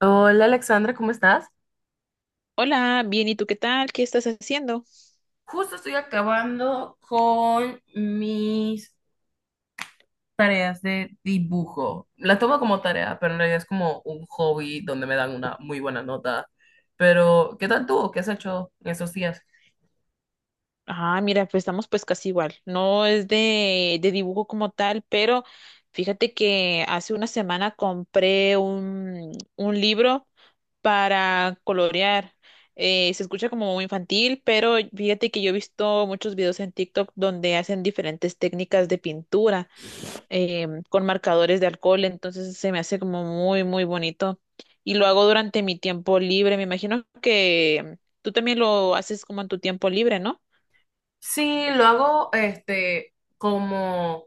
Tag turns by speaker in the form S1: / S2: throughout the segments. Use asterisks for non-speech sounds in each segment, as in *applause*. S1: Hola Alexandra, ¿cómo estás?
S2: Hola, bien, ¿y tú qué tal? ¿Qué estás haciendo?
S1: Justo estoy acabando con mis tareas de dibujo. La tomo como tarea, pero en realidad es como un hobby donde me dan una muy buena nota. Pero, ¿qué tal tú? ¿Qué has hecho en esos días?
S2: Ah, mira, pues estamos pues casi igual. No es de dibujo como tal, pero fíjate que hace una semana compré un libro para colorear. Se escucha como muy infantil, pero fíjate que yo he visto muchos videos en TikTok donde hacen diferentes técnicas de pintura, con marcadores de alcohol, entonces se me hace como muy bonito. Y lo hago durante mi tiempo libre. Me imagino que tú también lo haces como en tu tiempo libre, ¿no?
S1: Sí, lo hago este como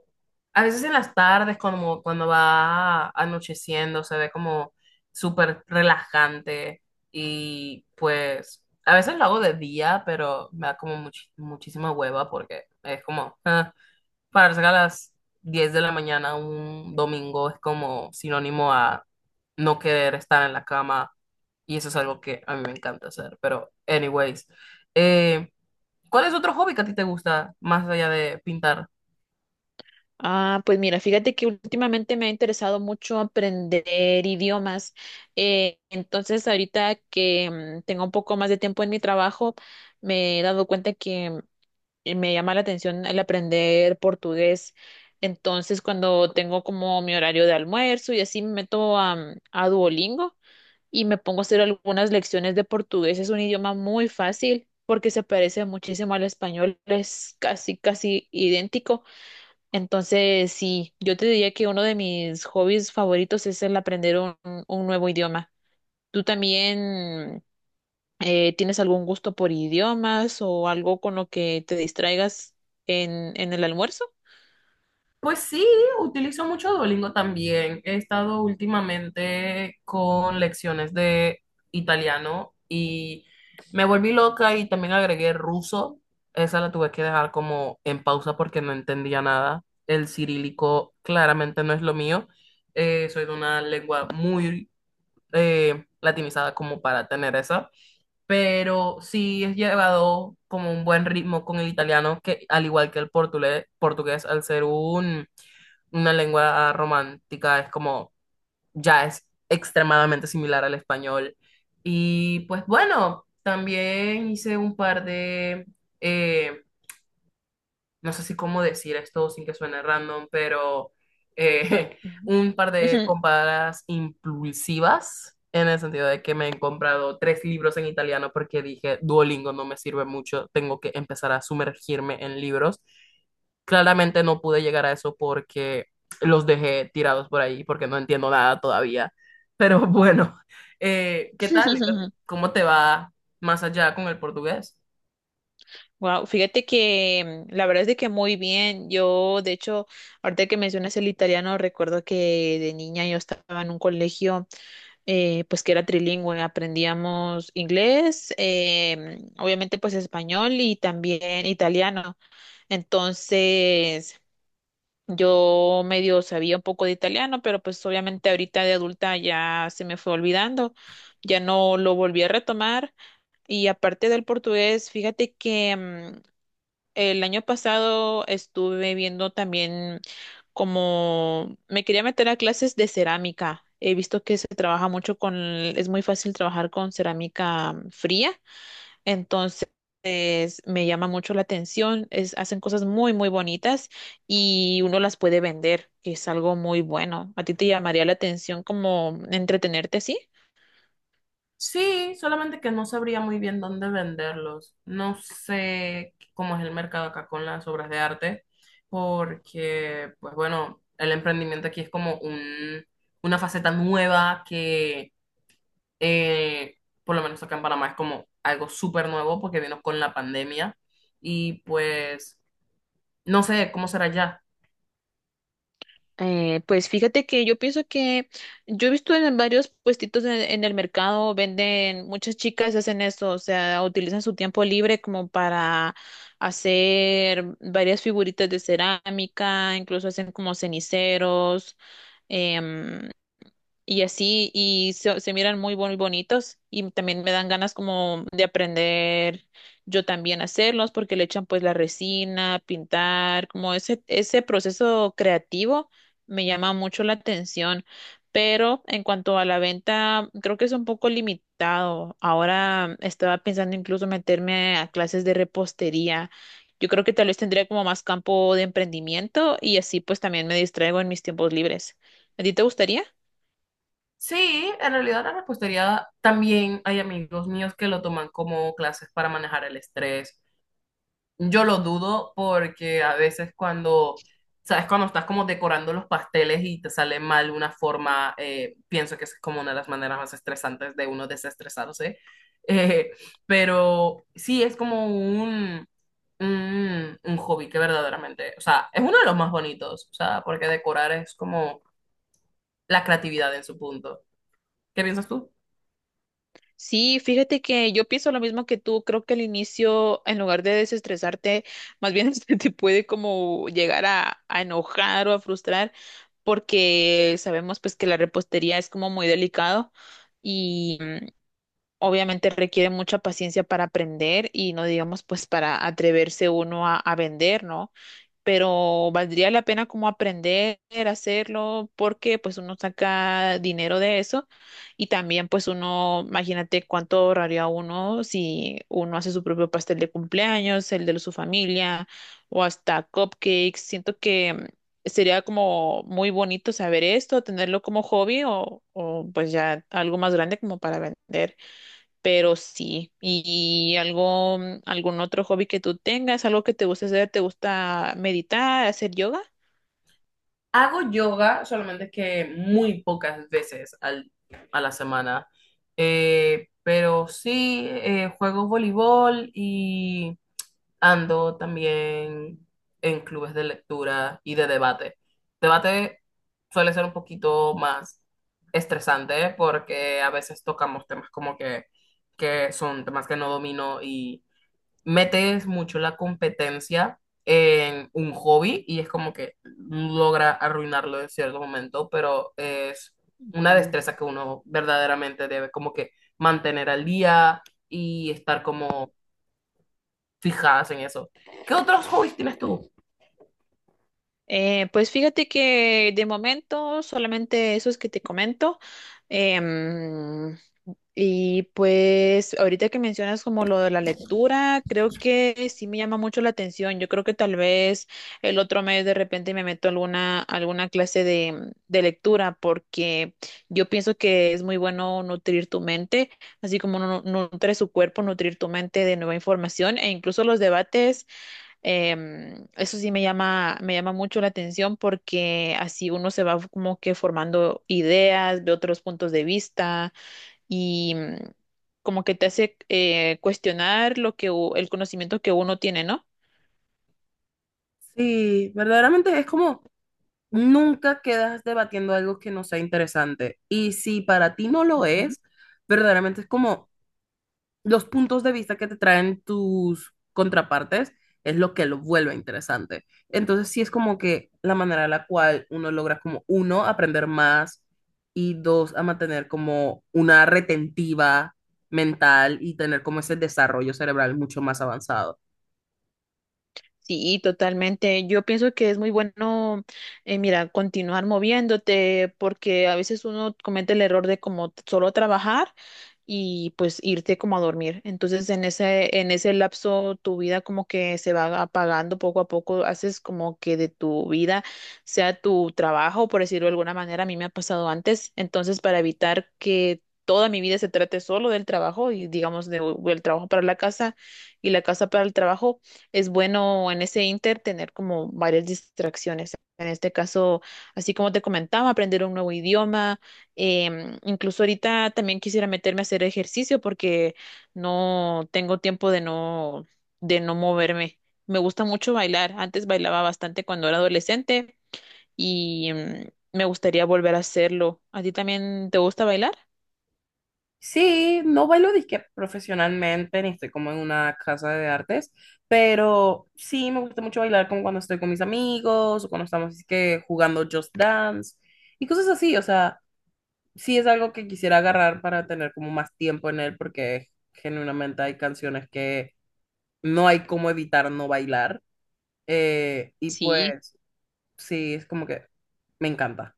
S1: a veces en las tardes, como cuando va anocheciendo, se ve como súper relajante y pues a veces lo hago de día, pero me da como muchísima hueva porque es como pararse a las 10 de la mañana un domingo es como sinónimo a no querer estar en la cama y eso es algo que a mí me encanta hacer, pero anyways. eh, ¿Cuál es otro hobby que a ti te gusta más allá de pintar?
S2: Ah, pues mira, fíjate que últimamente me ha interesado mucho aprender idiomas. Entonces, ahorita que tengo un poco más de tiempo en mi trabajo, me he dado cuenta que y me llama la atención el aprender portugués. Entonces, cuando tengo como mi horario de almuerzo y así me meto a Duolingo y me pongo a hacer algunas lecciones de portugués. Es un idioma muy fácil porque se parece muchísimo al español, es casi idéntico. Entonces, sí, yo te diría que uno de mis hobbies favoritos es el aprender un nuevo idioma. ¿Tú también? ¿Tienes algún gusto por idiomas o algo con lo que te distraigas en el almuerzo?
S1: Pues sí, utilizo mucho Duolingo también. He estado últimamente con lecciones de italiano y me volví loca y también agregué ruso. Esa la tuve que dejar como en pausa porque no entendía nada. El cirílico claramente no es lo mío. Soy de una lengua muy latinizada como para tener esa. Pero sí es llevado como un buen ritmo con el italiano, que al igual que el portugués, al ser una lengua romántica, es como ya es extremadamente similar al español. Y pues bueno, también hice un par de, eh, no sé si cómo decir esto sin que suene random, pero eh, *laughs* un par de
S2: Ujú.
S1: compras impulsivas, en el sentido de que me he comprado tres libros en italiano porque dije, Duolingo no me sirve mucho, tengo que empezar a sumergirme en libros. Claramente no pude llegar a eso porque los dejé tirados por ahí, porque no entiendo nada todavía. Pero *laughs* bueno, ¿qué tal?
S2: *laughs*
S1: ¿Cómo te va más allá con el portugués?
S2: Wow, fíjate que la verdad es de que muy bien. Yo, de hecho, ahorita que mencionas el italiano, recuerdo que de niña yo estaba en un colegio, pues que era trilingüe, aprendíamos inglés, obviamente pues español y también italiano. Entonces, yo medio sabía un poco de italiano, pero pues obviamente ahorita de adulta ya se me fue olvidando, ya no lo volví a retomar. Y aparte del portugués, fíjate que el año pasado estuve viendo también como me quería meter a clases de cerámica. He visto que se trabaja mucho con, es muy fácil trabajar con cerámica fría. Entonces, me llama mucho la atención. Es, hacen cosas muy bonitas y uno las puede vender, que es algo muy bueno. ¿A ti te llamaría la atención como entretenerte así?
S1: Sí, solamente que no sabría muy bien dónde venderlos. No sé cómo es el mercado acá con las obras de arte, porque, pues bueno, el emprendimiento aquí es como una faceta nueva que, eh, por lo menos acá en Panamá, es como algo súper nuevo porque vino con la pandemia y pues no sé cómo será ya.
S2: Pues fíjate que yo pienso que yo he visto en varios puestitos en el mercado, venden, muchas chicas hacen eso, o sea, utilizan su tiempo libre como para hacer varias figuritas de cerámica, incluso hacen como ceniceros, em, y así, y se miran muy bonitos y también me dan ganas como de aprender yo también a hacerlos porque le echan pues la resina, pintar, como ese proceso creativo me llama mucho la atención, pero en cuanto a la venta, creo que es un poco limitado. Ahora estaba pensando incluso meterme a clases de repostería. Yo creo que tal vez tendría como más campo de emprendimiento y así pues también me distraigo en mis tiempos libres. ¿A ti te gustaría?
S1: Sí, en realidad la repostería también hay amigos míos que lo toman como clases para manejar el estrés. Yo lo dudo porque a veces sabes, cuando estás como decorando los pasteles y te sale mal una forma, pienso que esa es como una de las maneras más estresantes de uno desestresarse. Eh, pero sí, es como un hobby que verdaderamente, o sea, es uno de los más bonitos, o sea, porque decorar es como la creatividad en su punto. ¿Qué piensas tú?
S2: Sí, fíjate que yo pienso lo mismo que tú. Creo que al inicio, en lugar de desestresarte, más bien *laughs* se te puede como llegar a enojar o a frustrar, porque sabemos pues que la repostería es como muy delicado y obviamente requiere mucha paciencia para aprender y no digamos pues para atreverse uno a vender, ¿no? Pero valdría la pena como aprender a hacerlo porque pues uno saca dinero de eso y también pues uno, imagínate cuánto ahorraría uno si uno hace su propio pastel de cumpleaños, el de su familia o hasta cupcakes. Siento que sería como muy bonito saber esto, tenerlo como hobby o pues ya algo más grande como para vender. Pero sí, y algo, algún otro hobby que tú tengas, algo que te guste hacer, ¿te gusta meditar, hacer yoga?
S1: Hago yoga solamente que muy pocas veces a la semana. Pero sí, juego voleibol y ando también en clubes de lectura y de debate. Debate suele ser un poquito más estresante porque a veces tocamos temas como que son temas que no domino y metes mucho la competencia en un hobby y es como que logra arruinarlo en cierto momento, pero es una
S2: Mm.
S1: destreza que uno verdaderamente debe como que mantener al día y estar como fijadas en eso. ¿Qué otros hobbies tienes tú?
S2: Pues fíjate que de momento solamente esos que te comento. Em, Y pues ahorita que mencionas como lo de la lectura, creo que sí me llama mucho la atención. Yo creo que tal vez el otro mes de repente me meto a alguna clase de lectura porque yo pienso que es muy bueno nutrir tu mente, así como nutre su cuerpo, nutrir tu mente de nueva información e incluso los debates. Eso sí me me llama mucho la atención porque así uno se va como que formando ideas, de otros puntos de vista y como que te hace cuestionar lo que el conocimiento que uno tiene, ¿no?
S1: Sí, verdaderamente es como nunca quedas debatiendo algo que no sea interesante. Y si para ti no lo es, verdaderamente es como los puntos de vista que te traen tus contrapartes es lo que lo vuelve interesante. Entonces, sí es como que la manera en la cual uno logra como, uno, aprender más y dos, a mantener como una retentiva mental y tener como ese desarrollo cerebral mucho más avanzado.
S2: Sí, totalmente. Yo pienso que es muy bueno, mira, continuar moviéndote, porque a veces uno comete el error de como solo trabajar y pues irte como a dormir. Entonces, en en ese lapso, tu vida como que se va apagando poco a poco. Haces como que de tu vida sea tu trabajo, por decirlo de alguna manera. A mí me ha pasado antes. Entonces, para evitar que toda mi vida se trate solo del trabajo y digamos del trabajo para la casa y la casa para el trabajo es bueno en ese inter tener como varias distracciones. En este caso, así como te comentaba, aprender un nuevo idioma. Incluso ahorita también quisiera meterme a hacer ejercicio porque no tengo tiempo de no moverme. Me gusta mucho bailar. Antes bailaba bastante cuando era adolescente y me gustaría volver a hacerlo. ¿A ti también te gusta bailar?
S1: Sí, no bailo disque profesionalmente, ni estoy como en una casa de artes, pero sí me gusta mucho bailar como cuando estoy con mis amigos o cuando estamos así que jugando Just Dance y cosas así, o sea, sí es algo que quisiera agarrar para tener como más tiempo en él porque genuinamente hay canciones que no hay cómo evitar no bailar, y
S2: Sí.
S1: pues sí, es como que me encanta.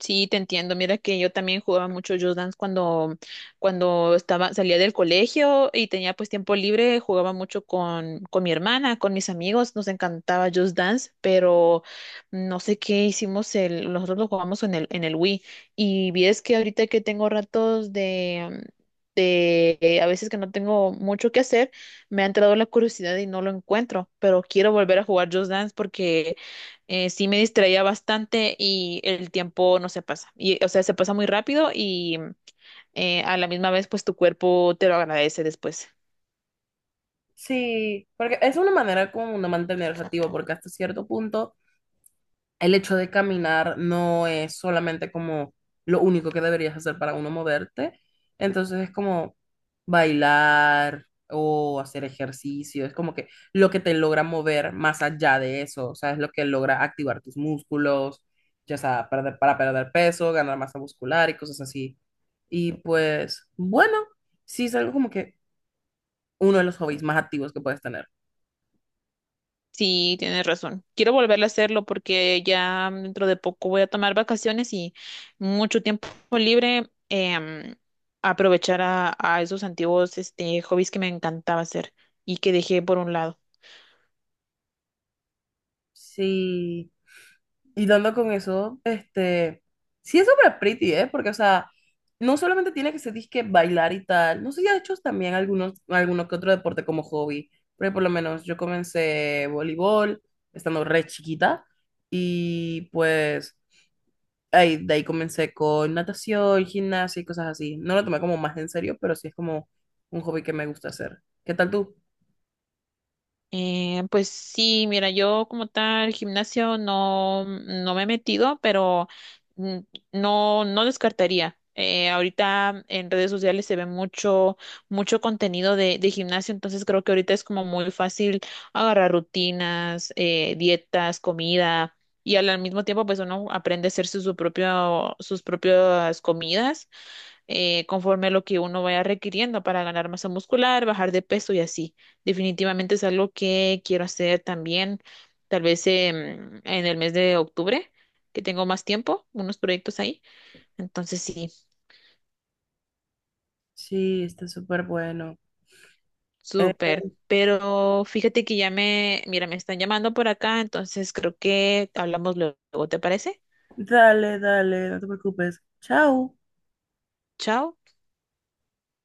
S2: Sí, te entiendo. Mira que yo también jugaba mucho Just Dance cuando estaba, salía del colegio y tenía pues tiempo libre, jugaba mucho con mi hermana, con mis amigos, nos encantaba Just Dance, pero no sé qué hicimos el, nosotros lo jugamos en en el Wii. Y vi es que ahorita que tengo ratos de a veces que no tengo mucho que hacer, me ha entrado la curiosidad y no lo encuentro, pero quiero volver a jugar Just Dance porque sí me distraía bastante y el tiempo no se pasa. Y, o sea, se pasa muy rápido y a la misma vez, pues tu cuerpo te lo agradece después.
S1: Sí, porque es una manera como de mantenerse activo porque hasta cierto punto el hecho de caminar no es solamente como lo único que deberías hacer para uno moverte. Entonces es como bailar o hacer ejercicio. Es como que lo que te logra mover más allá de eso. O sea, es lo que logra activar tus músculos, ya sea para perder peso, ganar masa muscular y cosas así. Y pues, bueno, sí es algo como que uno de los hobbies más activos que puedes tener.
S2: Sí, tienes razón. Quiero volver a hacerlo porque ya dentro de poco voy a tomar vacaciones y mucho tiempo libre. Aprovechar a esos antiguos este, hobbies que me encantaba hacer y que dejé por un lado.
S1: Sí. Y dando con eso, este, sí es súper pretty, ¿eh? Porque, o sea, no solamente tiene que ser disque bailar y tal, no sé si ha hecho también alguno que otro deporte como hobby, pero por lo menos yo comencé voleibol estando re chiquita y pues ahí, de ahí comencé con natación, gimnasia y cosas así. No lo tomé como más en serio, pero sí es como un hobby que me gusta hacer. ¿Qué tal tú?
S2: Pues sí, mira, yo como tal gimnasio no me he metido, pero mm, no, no descartaría. Ahorita en redes sociales se ve mucho contenido de gimnasio, entonces creo que ahorita es como muy fácil agarrar rutinas, dietas, comida, y al mismo tiempo pues uno aprende a hacer su propio, sus propias comidas conforme a lo que uno vaya requiriendo para ganar masa muscular, bajar de peso y así. Definitivamente es algo que quiero hacer también, tal vez en el mes de octubre, que tengo más tiempo, unos proyectos ahí. Entonces sí,
S1: Sí, está súper bueno.
S2: súper.
S1: Eh,
S2: Pero fíjate que ya me, mira, me están llamando por acá, entonces creo que hablamos luego, ¿te parece?
S1: Dale, dale, no te preocupes. Chao.
S2: Chao.